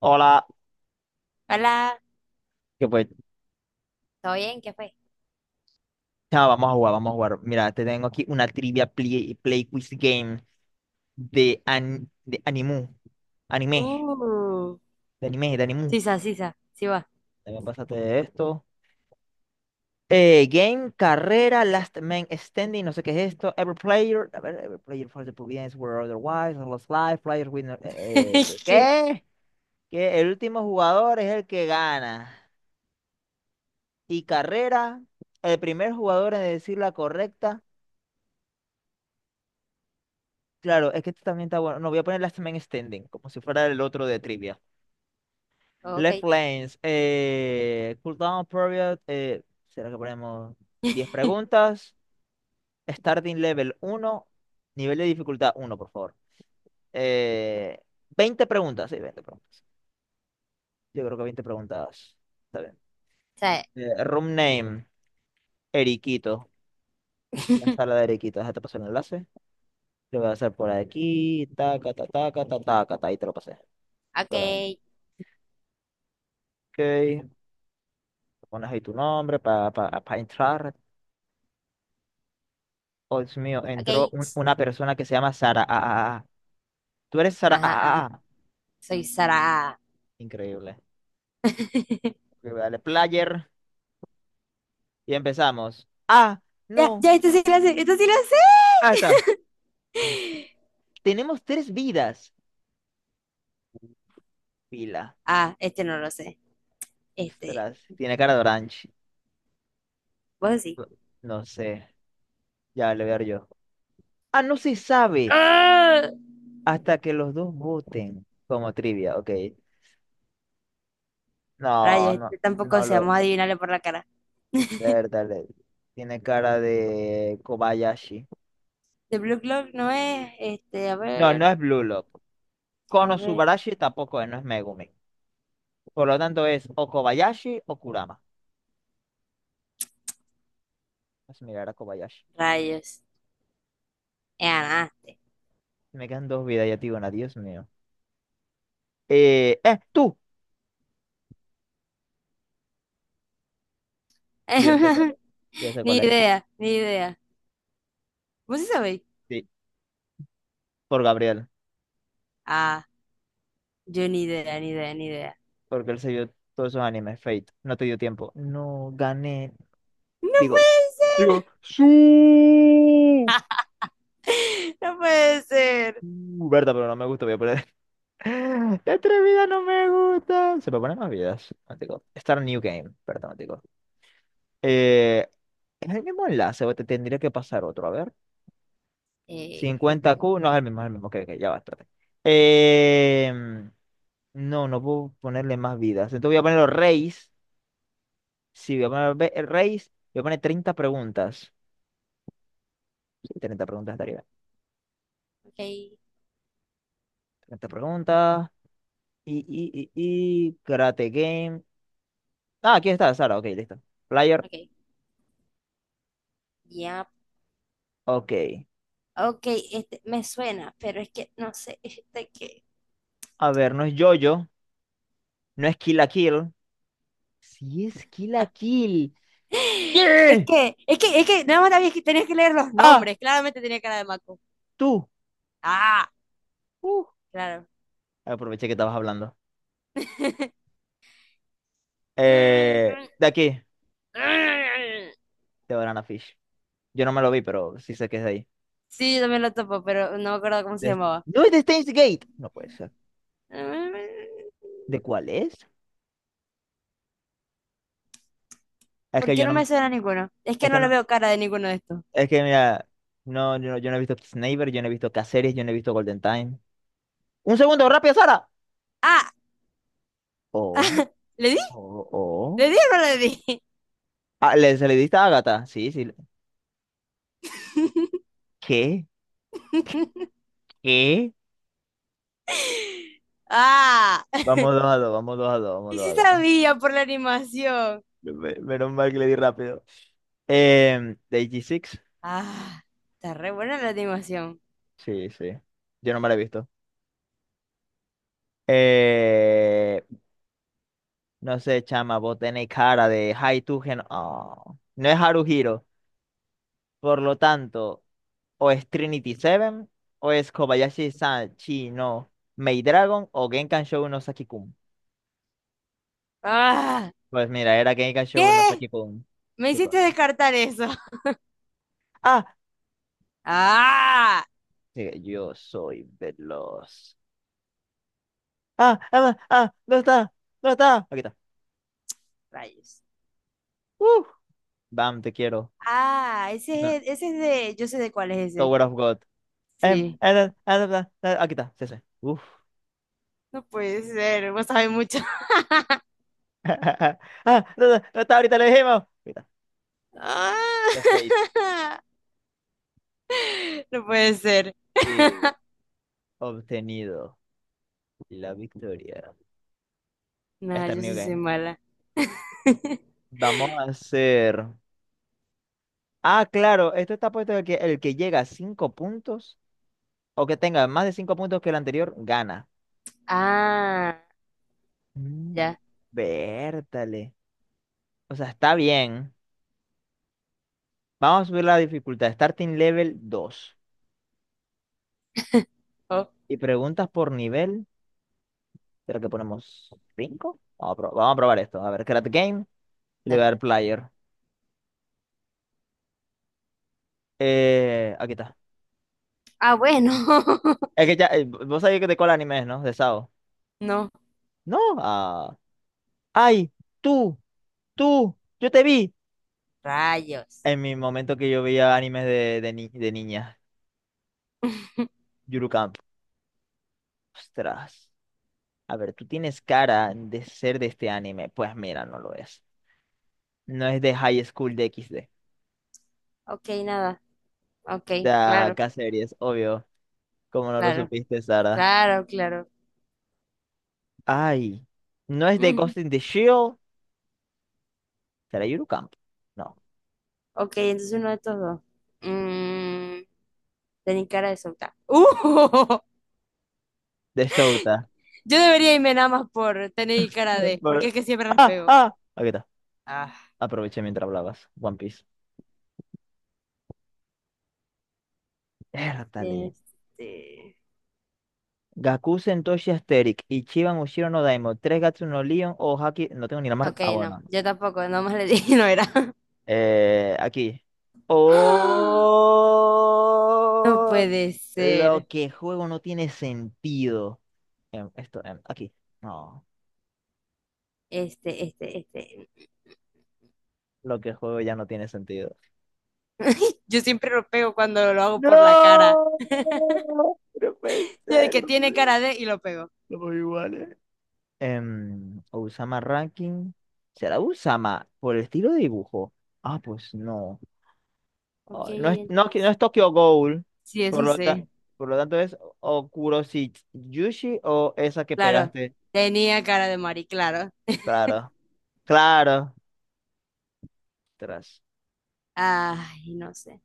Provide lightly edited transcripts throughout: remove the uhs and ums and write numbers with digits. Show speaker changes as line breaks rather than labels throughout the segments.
Hola,
Hola,
que pues,
¿todo bien? ¿Qué fue?
chao, vamos a jugar, vamos a jugar. Mira, te tengo aquí una trivia play quiz game de animu, anime,
Uh,
anime, de animu.
sisa, sí va.
También pásate de esto. Game, carrera, last man standing, no sé qué es esto. Every player, a ver, every player for the providence were otherwise, lost life, players winner.
¿Qué?
¿Qué? Que el último jugador es el que gana. Y carrera, el primer jugador en decir la correcta. Claro, es que esto también está bueno. No, voy a poner Last Man Standing, como si fuera el otro de trivia.
Ok.
Left lanes, cooldown period. ¿Será que ponemos 10 preguntas? Starting level uno, nivel de dificultad uno, por favor. Eh, 20 preguntas, sí, 20 preguntas. Yo creo que 20 preguntas. Está bien.
Sí.
Room name, Eriquito. La sala de Eriquito, déjate pasar el enlace. Lo voy a hacer por aquí. Taca, taca, taca, taca, taca, ta, ahí te lo pasé.
Ok,
Ok. Pones ahí tu nombre para entrar. Oh, Dios mío, entró
ok.
un-
ts,
una persona que se llama Sara. Ah, ah, ah. Tú eres Sara.
Ajá,
Ah,
ajá.
ah, ah.
Soy Sara.
Increíble. Ok, dale player y empezamos. Ah,
Ya,
no.
ya, esto sí lo sé, esto sí lo
Ah, está. Uf,
sé.
tenemos tres vidas. Pila.
Ah, este no lo sé. Este,
Ostras, tiene cara de orange.
vos sí.
No sé. Ya le voy a dar yo. Ah, no se sabe
¡Ah!
hasta que los dos voten. Como trivia, ok. No,
Rayos,
no,
este tampoco
no
sé,
lo.
vamos a adivinarle por la cara.
Verdad, tiene cara de Kobayashi.
De Blue Clock no es, este, a
No, no
ver,
es Blue Lock.
a
Kono
ver.
Subarashi tampoco es, no es Megumi. Por lo tanto es o Kobayashi o Kurama. Vamos a mirar a Kobayashi.
Rayos. Ya, nada.
Si me quedan dos vidas ya, tío, Dios mío. Tú. Yo ya sé cuál es. Yo ya sé
Ni
cuál es.
idea, ni idea. ¿Vos sí sabéis?
Sí, por Gabriel.
Ah, yo ni idea, ni idea, ni idea.
Porque él se vio todos esos animes. Fate. No te dio tiempo. No, gané.
¡No
Digo,
puede
digo, su.
ser! ¡No puede ser!
Berta, pero no me gusta. Voy a poner. La atrevida no me gusta. Se me ponen más vidas. Matico. Start New Game. Perdón. Eh, ¿Es el mismo enlace o te tendría que pasar otro? A ver.
Creo
Cincuenta
que...
q no es el mismo, es el mismo. Ok, ok, ya va, espérate. Em, no, no puedo ponerle más vidas. Entonces voy a ponerlo Reis. Sí, voy a poner Reis. Voy a poner 30 preguntas. Sí, 30 preguntas estaría bien. 30 preguntas. Y Karate Game. Ah, aquí está, Sara. Ok, listo. Player.
Ok, ok, ya.
Ok.
Ok, este me suena, pero es que no sé, este que...
A ver, no es Jojo. No es Kill la Kill. Sí es Kill la Kill.
Es
¡Yeah!
que, es que, es que, nada más había que- tenías que leer los
¡Ah!
nombres. Claramente tenía cara de Maco.
¡Tú!
Ah,
Uh.
claro.
Aproveché que estabas hablando. De aquí, de Banana Fish. Yo no me lo vi, pero sí sé que es de ahí.
Sí, yo también lo topo, pero no me acuerdo cómo se
De-
llamaba.
no es de Steins Gate. No puede ser. ¿De cuál es? Es
¿Por
que
qué
yo
no
no me-
me suena ninguno? Es que
Es
no
que
le
no,
veo cara de ninguno de estos.
es que mira, no, yo no he visto Sniper, yo no he visto Caceres, yo no he visto Golden Time. ¡Un segundo, rápido, Sara!
Ah,
Oh,
¿le di?
oh, oh.
¿Le di o no le di?
Ah, ¿Se le diste a Agatha? Sí, sí. ¿Qué? ¿Qué?
Ah,
Vamos dos a dos, vamos dos a dos, vamos
y
dos
sí
a dos.
sabía por la animación.
Menos mal que le di rápido. De AG6.
Ah, está re buena la animación.
Sí, sí. Yo no me la he visto. Eh, no sé, chama, vos tenés cara de Haitugen. Oh, no es Haruhiro. Por lo tanto, o es Trinity Seven, o es Kobayashi-san Chi no Maid Dragon, o Genkan Shou no Saki-kun.
Ah,
Pues mira, era Genkan
¿qué?
Shou no Saki-kun.
Me
¿Qué
hiciste
cosa?
descartar eso.
¡Ah!
Ah,
Sí, yo soy veloz. ¡Ah! ¡Ah! ¡Ah! ¿Dónde está? ¿Dónde está? Aquí está.
rayos.
¡Uh! Bam, te quiero.
Ah, ese es de, yo sé de cuál es ese.
Tower of God. Em,
Sí,
em, em, em, em, em, aquí está. Sí, sí.
no puede ser, vos sabés mucho.
Ah, no, no, no está, ahorita lo dijimos. Mira, The Fate.
Ah, no puede ser.
Y obtenido la victoria.
Nada,
Esta
yo
New
sí soy
Game.
mala.
Vamos a hacer. Ah, claro, esto está puesto de que el que llega a 5 puntos o que tenga más de 5 puntos que el anterior gana.
Ah,
Mm,
ya.
Vértale. O sea, está bien. Vamos a subir la dificultad. Starting level 2
Oh,
y preguntas por nivel. ¿Será que ponemos cinco? Vamos a probar esto. A ver, Create Game. Y le voy a
dale.
dar Player. Aquí está.
Ah, bueno.
Es que ya, vos sabés que de cuál anime es, ¿no? De Sao.
No,
No, ah, ay, tú, tú, yo te vi.
rayos.
En mi momento que yo veía animes de, ni- de niña, Yuru Camp. Ostras. A ver, tú tienes cara de ser de este anime. Pues mira, no lo es. No es de High School de XD.
Ok, nada. Ok,
De
claro,
K-Series, obvio. Como no lo
claro,
supiste, Sara.
claro, claro.
Ay, no es de
Mm,
Ghost in the Shell. ¿Será Yuru Camp? No,
Ok, entonces uno de estos dos. Mm, tener cara de solta. ¡Uh!
de Shouta.
Yo debería irme nada más por tener cara de, porque
Por-
es que siempre las
Ah,
pego.
ah. Aquí está.
Ah,
Aproveché mientras hablabas. One Piece. Értale.
este.
Gaku Sentoshi Asterix, Ichiban Ushiro no Daimon, Tres Gatsu no Leon o Haki. No tengo ni la mar.
Ok,
Ah,
no,
bueno. No.
yo tampoco, nada más le dije, no era.
Aquí.
No
Oh,
puede
lo
ser.
que juego no tiene sentido. Esto, aquí. No,
Este.
lo que juego ya no tiene sentido.
Yo siempre lo pego cuando lo hago por la
No,
cara.
no puede
Yo de
ser.
que
No
tiene
puede-
cara de y lo pego.
Somos iguales. Usama Ranking. ¿Será Usama por el estilo de dibujo? Ah, pues no.
Ok,
No es, no, no
entonces.
es Tokyo Ghoul,
Sí,
por
eso
lo, ta-
sí.
por lo tanto es Okurosi Yushi o esa que
Claro.
pegaste.
Tenía cara de Mari, claro.
Claro, claro. Tras,
Ay, no sé.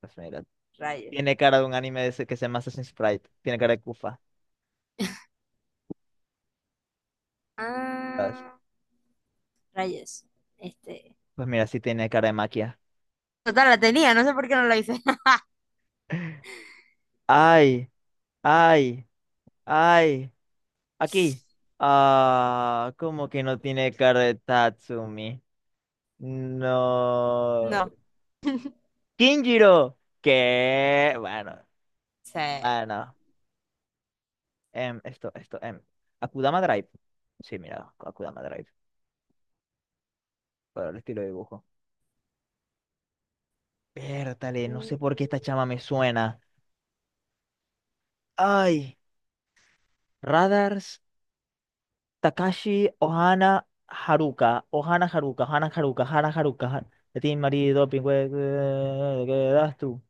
pues mira,
Rayos.
tiene cara de un anime de ese que se llama Assassin's Creed. Tiene cara de Kufa. Tras,
Ah, rayos. Este.
pues mira, sí tiene cara de Maquia.
Total, la tenía, no sé por qué no la hice.
Ay, ay, ay. Aquí. Ah, ¿cómo que no tiene cara de Tatsumi? No.
No
Kinjiro. ¿Qué? Bueno,
sé.
bueno. Esto, esto, Akudama Drive. Sí, mira, Akudama Drive. Para el estilo de dibujo. Pértale, no sé por qué esta chama me suena. Ay, Radars, Takashi, Ohana, Haruka. Ohana, Haruka, Ohana, Haruka, Ohana, Haruka. De ti, marido, pingüe, ¿qué das tú?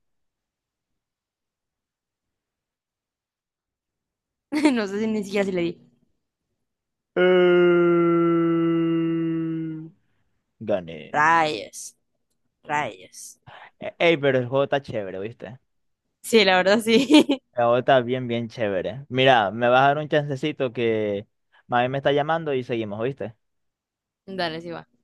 No sé si ni siquiera si le di.
Eh, Gané.
Rayos, rayos.
Ey, pero el juego está chévere, ¿viste?
Sí, la verdad sí.
El juego está bien, bien chévere. Mira, me vas a dar un chancecito que mami me está llamando y seguimos, viste.
Dale, sí va.